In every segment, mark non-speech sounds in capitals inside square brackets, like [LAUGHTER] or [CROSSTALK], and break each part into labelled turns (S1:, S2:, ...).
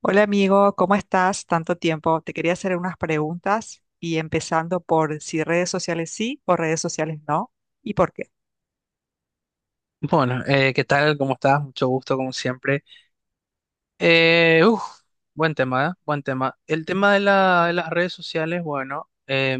S1: Hola amigo, ¿cómo estás? Tanto tiempo. Te quería hacer unas preguntas y empezando por si redes sociales sí o redes sociales no y por qué.
S2: Bueno, ¿qué tal? ¿Cómo estás? Mucho gusto, como siempre. Eh, uf, buen tema, ¿eh? Buen tema. El
S1: Ujú.
S2: tema de, de las redes sociales, bueno,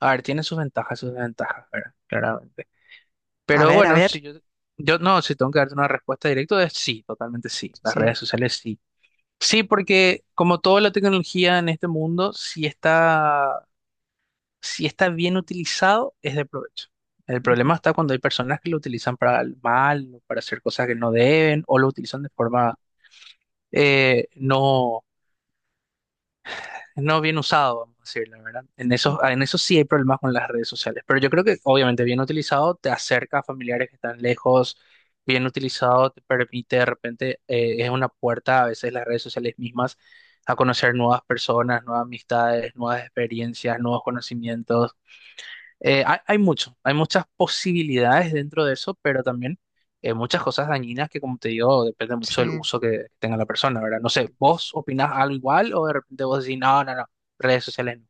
S2: a ver, tiene sus ventajas, sus desventajas, ¿verdad? Claramente.
S1: A
S2: Pero
S1: ver, a
S2: bueno, si
S1: ver.
S2: yo, yo no, si tengo que darte una respuesta directa, es sí, totalmente sí. Las
S1: Sí.
S2: redes sociales sí. Sí, porque como toda la tecnología en este mundo, sí está. Si está bien utilizado, es de provecho. El problema
S1: Ujú,
S2: está cuando hay personas que lo utilizan para el mal, o para hacer cosas que no deben, o lo utilizan de forma eh, no, no bien usado, vamos a decirlo, ¿verdad? En
S1: ujú,
S2: eso, en eso sí hay problemas con las redes sociales, pero yo creo que obviamente bien utilizado te acerca a familiares que están lejos, bien utilizado te permite de repente, es una puerta a veces las redes sociales mismas a conocer nuevas personas, nuevas amistades, nuevas experiencias, nuevos conocimientos. Hay mucho, hay muchas posibilidades dentro de eso, pero también muchas cosas dañinas que, como te digo, depende mucho del
S1: Sí.
S2: uso que tenga la persona, ¿verdad? No sé, ¿vos opinás algo igual o de repente vos decís, no, no, no, redes sociales no,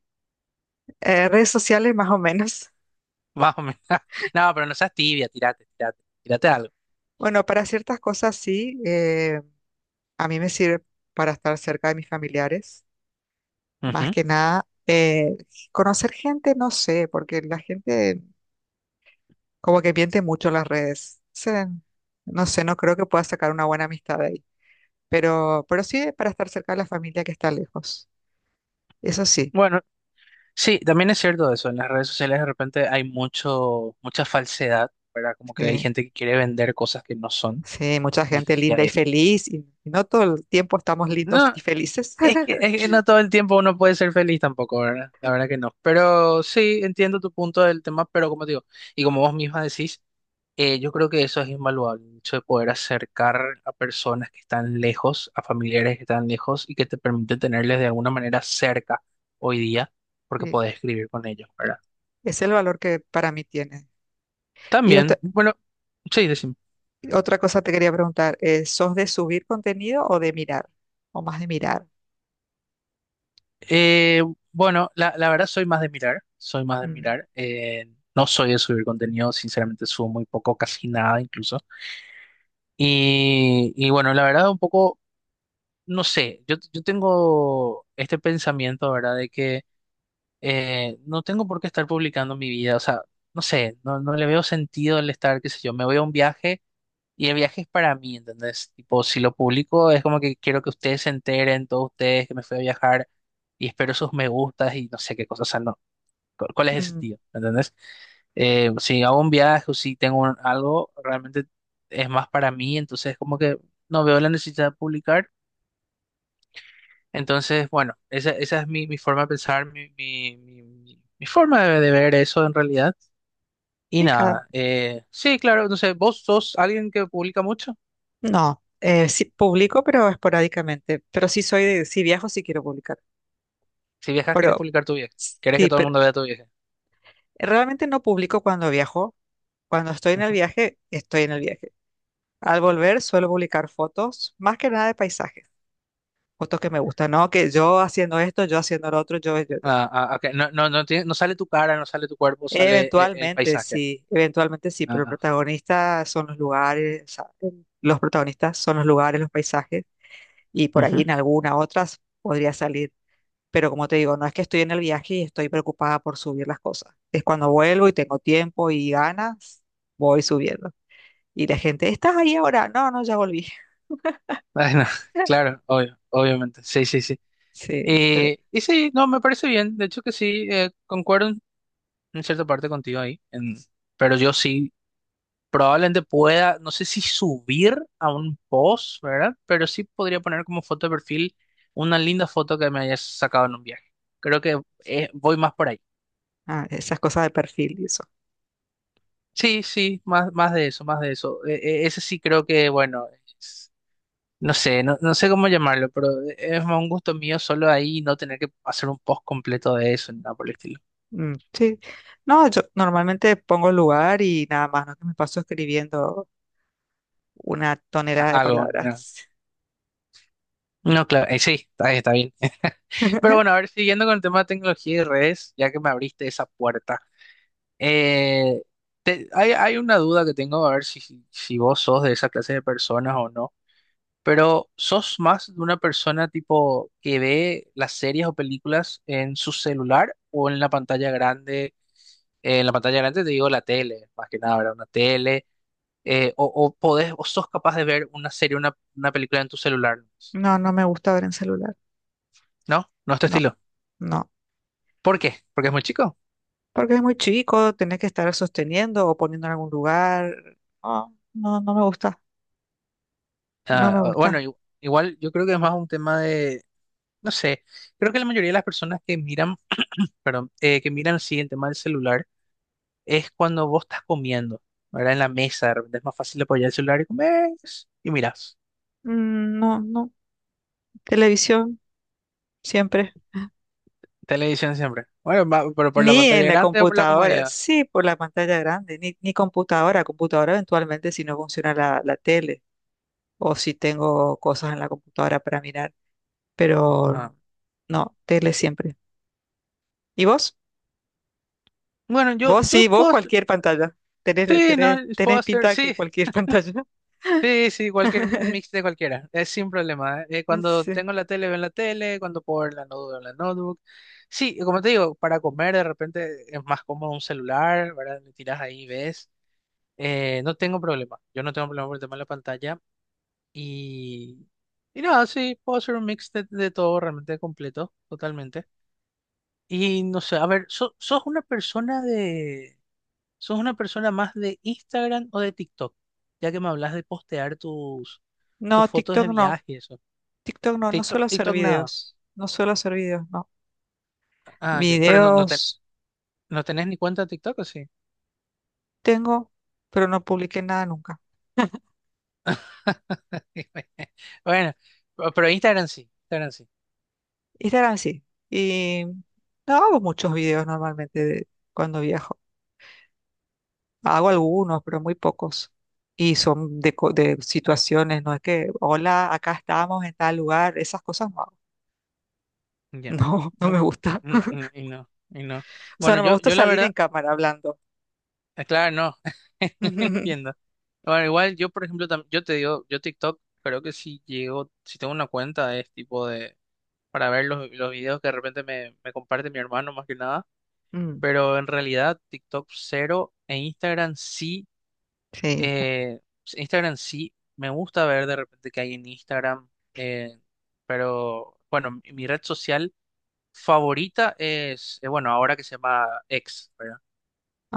S1: Redes sociales más o menos. [LAUGHS]
S2: [LAUGHS] más o menos, [LAUGHS] no, pero no seas tibia, tirate, tirate, tirate algo.
S1: Bueno, para ciertas cosas sí. A mí me sirve para estar cerca de mis familiares. Más
S2: Ujú.
S1: que nada, conocer gente, no sé, porque la gente como que miente mucho en las redes. No sé, no creo que pueda sacar una buena amistad de ahí. Pero sí para estar cerca de la familia que está lejos. Eso sí,
S2: Bueno, sí, también es cierto eso, en las redes sociales de repente hay mucho, mucha falsedad, ¿verdad? Como que hay
S1: eh,
S2: gente que quiere vender cosas que no son,
S1: sí, mucha
S2: y eso
S1: gente
S2: sí
S1: linda y
S2: hay.
S1: feliz, y no todo el tiempo estamos lindos
S2: No,
S1: y felices.
S2: Es que,
S1: [LAUGHS]
S2: es que no todo el tiempo uno puede ser feliz tampoco, ¿verdad? La verdad que no. Pero sí, entiendo tu punto del tema, pero como te digo, y como vos misma decís, yo creo que eso es invaluable, el hecho de poder acercar a personas que están lejos, a familiares que están lejos y que te permite tenerles de alguna manera cerca hoy día, porque
S1: Sí,
S2: podés escribir con ellos, ¿verdad?
S1: es el valor que para mí tiene. Y otra,
S2: También, bueno, sí, decime.
S1: otra cosa te quería preguntar, ¿sos de subir contenido o de mirar? ¿O más de mirar?
S2: Eh, bueno, la verdad soy más de mirar, soy más de
S1: Mm,
S2: mirar. No soy de subir contenido, sinceramente subo muy poco, casi nada incluso. Y bueno, la verdad un poco, no sé, yo tengo este pensamiento, ¿verdad? De que no tengo por qué estar publicando mi vida, o sea, no sé, no le veo sentido el estar, qué sé yo, me voy a un viaje y el viaje es para mí, ¿entendés? Tipo, si lo publico es como que quiero que ustedes se enteren, todos ustedes, que me fui a viajar y espero sus me gustas y no sé qué cosas, o sea, no, ¿cuál es el
S1: mm,
S2: sentido? ¿Entendés? Si hago un viaje o si tengo algo, realmente es más para mí, entonces como que no veo la necesidad de publicar. Entonces, bueno, esa es mi forma de pensar, mi forma de ver eso en realidad. Y
S1: pica.
S2: nada, sí, claro, no sé, vos sos alguien que publica mucho.
S1: No, sí publico, pero esporádicamente. Pero sí soy de, si viajo, sí quiero publicar.
S2: Si viajas, quieres
S1: Pero
S2: publicar tu viaje. Quieres que
S1: sí,
S2: todo el
S1: pero
S2: mundo vea tu viaje.
S1: realmente no publico cuando viajo. Cuando estoy en el
S2: Ujú.
S1: viaje, estoy en el viaje. Al volver suelo publicar fotos, más que nada de paisajes, fotos que me gustan, ¿no? Que yo haciendo esto, yo haciendo lo otro, yo, yo, yo.
S2: Ah, ah, ok, no, no, no, no sale tu cara, no sale tu cuerpo, sale el paisaje.
S1: Eventualmente sí, pero el
S2: Ah,
S1: protagonista son los lugares, o sea, los protagonistas son los lugares, los paisajes, y por ahí
S2: ujú.
S1: en alguna otras podría salir. Pero como te digo, no es que estoy en el viaje y estoy preocupada por subir las cosas. Es cuando vuelvo y tengo tiempo y ganas, voy subiendo. Y la gente, ¿estás ahí ahora? No, no, ya volví.
S2: Ay, no, [LAUGHS] claro, obvio, obviamente. Sí, sí, sí.
S1: Sí, pero
S2: Y sí, no, me parece bien. De hecho que sí, concuerdo en cierta parte contigo ahí. Pero yo sí, probablemente pueda, no sé si subir a un post, ¿verdad? Pero sí podría poner como foto de perfil una linda foto que me hayas sacado en un viaje. Creo que voy más por ahí.
S1: ah, esas cosas de perfil y eso.
S2: Sí, sí, más, más de eso, más de eso. Ese sí creo que, bueno, es- no sé, no sé cómo llamarlo, pero es más un gusto mío solo ahí no tener que hacer un post completo de eso, ni nada por el estilo.
S1: Mm, sí. No, yo normalmente pongo el lugar y nada más, no que me paso escribiendo una tonelada de
S2: Algo, no.
S1: palabras.
S2: No, claro, sí, está, está bien. [LAUGHS] Pero
S1: [LAUGHS]
S2: bueno, a ver, siguiendo con el tema de tecnología y redes, ya que me abriste esa puerta, eh, hay, hay una duda que tengo, a ver si vos sos de esa clase de personas o no, pero ¿sos más de una persona tipo que ve las series o películas en su celular o en la pantalla grande? En la pantalla grande te digo la tele, más que nada, ¿verdad? Una tele, o podés, o sos capaz de ver una serie, una película en tu celular,
S1: No, no me gusta ver en celular.
S2: ¿no? ¿No es tu
S1: No,
S2: estilo?
S1: no.
S2: ¿Por qué? ¿Porque es muy chico?
S1: Porque es muy chico, tenés que estar sosteniendo o poniendo en algún lugar. No, no, no me gusta. No me
S2: Ah,
S1: gusta.
S2: bueno, igual yo creo que es más un tema de, no sé, creo que la mayoría de las personas que miran, perdón, que miran sí el tema del celular es cuando vos estás comiendo, ¿verdad? En la mesa, de repente es más fácil apoyar el celular y comes y miras.
S1: Mm, no, no. Televisión, siempre.
S2: Televisión siempre. Bueno, pero por la
S1: Ni en
S2: pantalla
S1: la
S2: grande o por la
S1: computadora,
S2: comodidad.
S1: sí, por la pantalla grande, ni computadora, computadora eventualmente si no funciona la tele o si tengo cosas en la computadora para mirar,
S2: Ajá.
S1: pero no, tele siempre. ¿Y vos?
S2: Bueno, yo,
S1: Vos
S2: yo
S1: sí, vos
S2: puedo hacer,
S1: cualquier pantalla. Tenés,
S2: sí, no,
S1: tenés,
S2: puedo
S1: tenés
S2: hacer,
S1: pinta
S2: sí,
S1: que cualquier pantalla.
S2: sí, sí, cualquier, un mix
S1: [LAUGHS]
S2: de cualquiera, es sin problema. Eh, cuando
S1: Sí.
S2: tengo la tele, veo en la tele, cuando puedo ver la notebook, veo en la notebook. Sí, como te digo, para comer de repente es más cómodo un celular, ¿verdad? Le tiras ahí, y ves. No tengo problema, yo no tengo problema por el tema de la pantalla. Y, y nada, sí, puedo hacer un mix de todo realmente completo, totalmente. Y no sé, a ver, ¿sos una persona más de Instagram o de TikTok? Ya que me hablas de postear tus
S1: No,
S2: fotos de
S1: TikTok no,
S2: viaje, y eso.
S1: TikTok no, no suelo
S2: TikTok,
S1: hacer
S2: TikTok nada.
S1: videos, no suelo hacer videos, no.
S2: Ah, ya, pero no, no,
S1: Videos
S2: no tenés ni cuenta de TikTok, ¿o sí?
S1: tengo, pero no publiqué nada nunca.
S2: [LAUGHS] Bueno, pero Instagram sí, Instagram sí.
S1: Instagram sí. Y no hago muchos videos normalmente de cuando viajo. Hago algunos, pero muy pocos. Y son de, de situaciones, no es que, hola, acá estamos en tal lugar, esas cosas no hago. [LAUGHS]
S2: Ya.
S1: No, no me
S2: Ok.
S1: gusta.
S2: Mm, mm, y no, y no.
S1: O sea,
S2: Bueno,
S1: no me
S2: yo,
S1: gusta
S2: yo la
S1: salir en
S2: verdad,
S1: cámara hablando.
S2: claro, no. [LAUGHS] No entiendo.
S1: [LAUGHS]
S2: Bueno, igual yo, por ejemplo, yo te digo, yo TikTok creo que si llego, si tengo una cuenta es tipo de, para ver los videos que de repente me comparte mi hermano más que nada,
S1: Mm,
S2: pero en realidad TikTok cero, en Instagram sí.
S1: sí,
S2: Pues, Instagram sí, me gusta ver de repente qué hay en Instagram, eh, pero bueno, mi mi red social favorita es, bueno, ahora que se llama X, ¿verdad?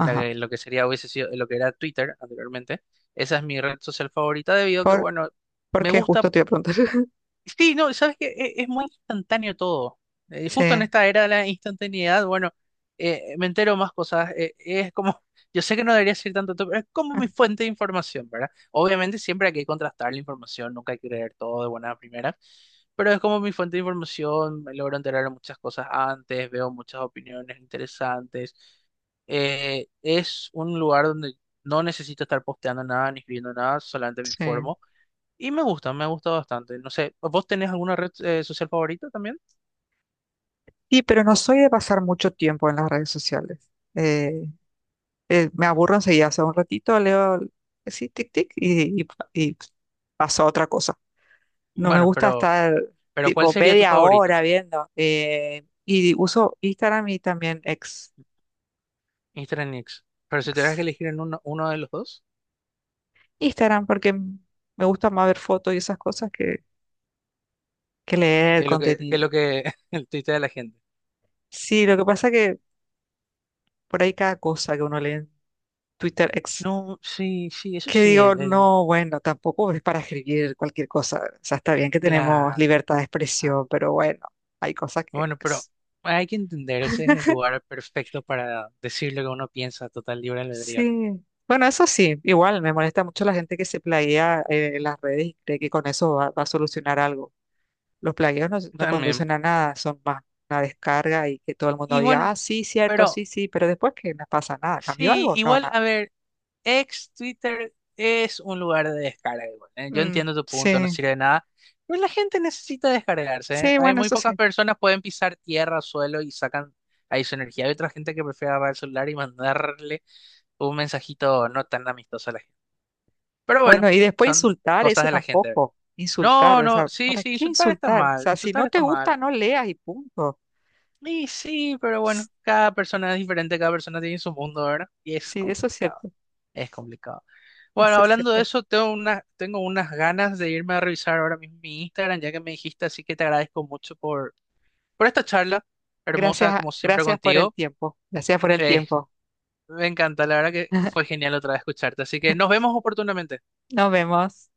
S2: Lo que sería, hubiese sido lo que era Twitter anteriormente. Esa es mi red social favorita debido a que,
S1: Por,
S2: bueno, me
S1: porque
S2: gusta.
S1: justo te iba a preguntar. [LAUGHS]
S2: Sí, no, sabes que es muy instantáneo todo. Justo en
S1: Sí,
S2: esta era de la instantaneidad, bueno, me entero más cosas. Eh, es como, [LAUGHS] yo sé que no debería decir tanto, pero es como
S1: ah,
S2: mi fuente de información, ¿verdad? Obviamente siempre hay que contrastar la información, nunca hay que creer todo de buena primera, pero es como mi fuente de información, me logro enterar de muchas cosas antes, veo muchas opiniones interesantes. Eh, es un lugar donde no necesito estar posteando nada ni escribiendo nada, solamente me
S1: sí.
S2: informo. Y me gusta bastante. No sé, ¿vos tenés alguna red social favorita también?
S1: Sí, pero no soy de pasar mucho tiempo en las redes sociales. Eh, me aburro enseguida, hace un ratito leo así, tic, tic, y pasó a otra cosa. No me
S2: Bueno,
S1: gusta estar
S2: pero ¿cuál
S1: tipo
S2: sería tu
S1: media
S2: favorito?
S1: hora viendo. Y uso Instagram y también ex,
S2: Instagram y X. Pero si tuvieras que
S1: ex
S2: elegir en uno, uno de los dos,
S1: Instagram porque me gusta más ver fotos y esas cosas que leer
S2: ¿qué es
S1: contenido.
S2: lo que [LAUGHS] el tuitea de la gente?
S1: Sí, lo que pasa que por ahí cada cosa que uno lee en Twitter ex
S2: No, sí, sí, eso
S1: que
S2: sí,
S1: digo, no, bueno, tampoco es para escribir cualquier cosa. O sea, está bien que tenemos
S2: claro.
S1: libertad de
S2: Ah,
S1: expresión, pero bueno, hay cosas que
S2: bueno, pero
S1: es-
S2: hay que entender, ese es el
S1: [LAUGHS]
S2: lugar perfecto para decir lo que uno piensa, total libre albedrío, ¿no?
S1: Sí. Bueno, eso sí, igual me molesta mucho la gente que se plaguea en las redes y cree que con eso va, va a solucionar algo. Los plagueos no, no
S2: También.
S1: conducen a nada, son más una descarga y que todo el mundo
S2: Y bueno,
S1: diga, ah, sí, cierto,
S2: pero
S1: sí, sí, pero después que no pasa nada, ¿cambió
S2: sí,
S1: algo? No,
S2: igual,
S1: nada.
S2: a ver. Ex Twitter es un lugar de descarga igual, ¿eh? Yo
S1: Mm,
S2: entiendo tu punto, no
S1: sí,
S2: sirve de nada, pero la gente necesita descargarse, ¿eh?
S1: sí,
S2: Hay
S1: bueno,
S2: muy
S1: eso
S2: pocas
S1: sí.
S2: personas pueden pisar tierra, suelo y sacan ahí su energía. Hay otra gente que prefiere agarrar el celular y mandarle un mensajito no tan amistoso a la gente. Pero bueno,
S1: Bueno, y después
S2: son
S1: insultar,
S2: cosas
S1: eso
S2: de la gente.
S1: tampoco. Insultar,
S2: No,
S1: o
S2: no,
S1: sea,
S2: sí,
S1: ¿para
S2: sí,
S1: qué
S2: insultar está
S1: insultar? O
S2: mal,
S1: sea, si
S2: insultar
S1: no
S2: está
S1: te gusta,
S2: mal.
S1: no leas y punto.
S2: Y sí, pero
S1: Ps,
S2: bueno, cada persona es diferente, cada persona tiene su mundo, ¿verdad? Y es
S1: sí, eso es
S2: complicado,
S1: cierto,
S2: es complicado. Bueno,
S1: eso es
S2: hablando de
S1: cierto.
S2: eso, tengo una, tengo unas ganas de irme a revisar ahora mismo mi Instagram, ya que me dijiste, así que te agradezco mucho por esta charla, hermosa
S1: Gracias,
S2: como siempre
S1: gracias por el
S2: contigo.
S1: tiempo, gracias por el
S2: Eh,
S1: tiempo.
S2: me encanta, la verdad que fue
S1: [LAUGHS]
S2: genial otra vez escucharte, así que nos vemos oportunamente.
S1: Nos vemos.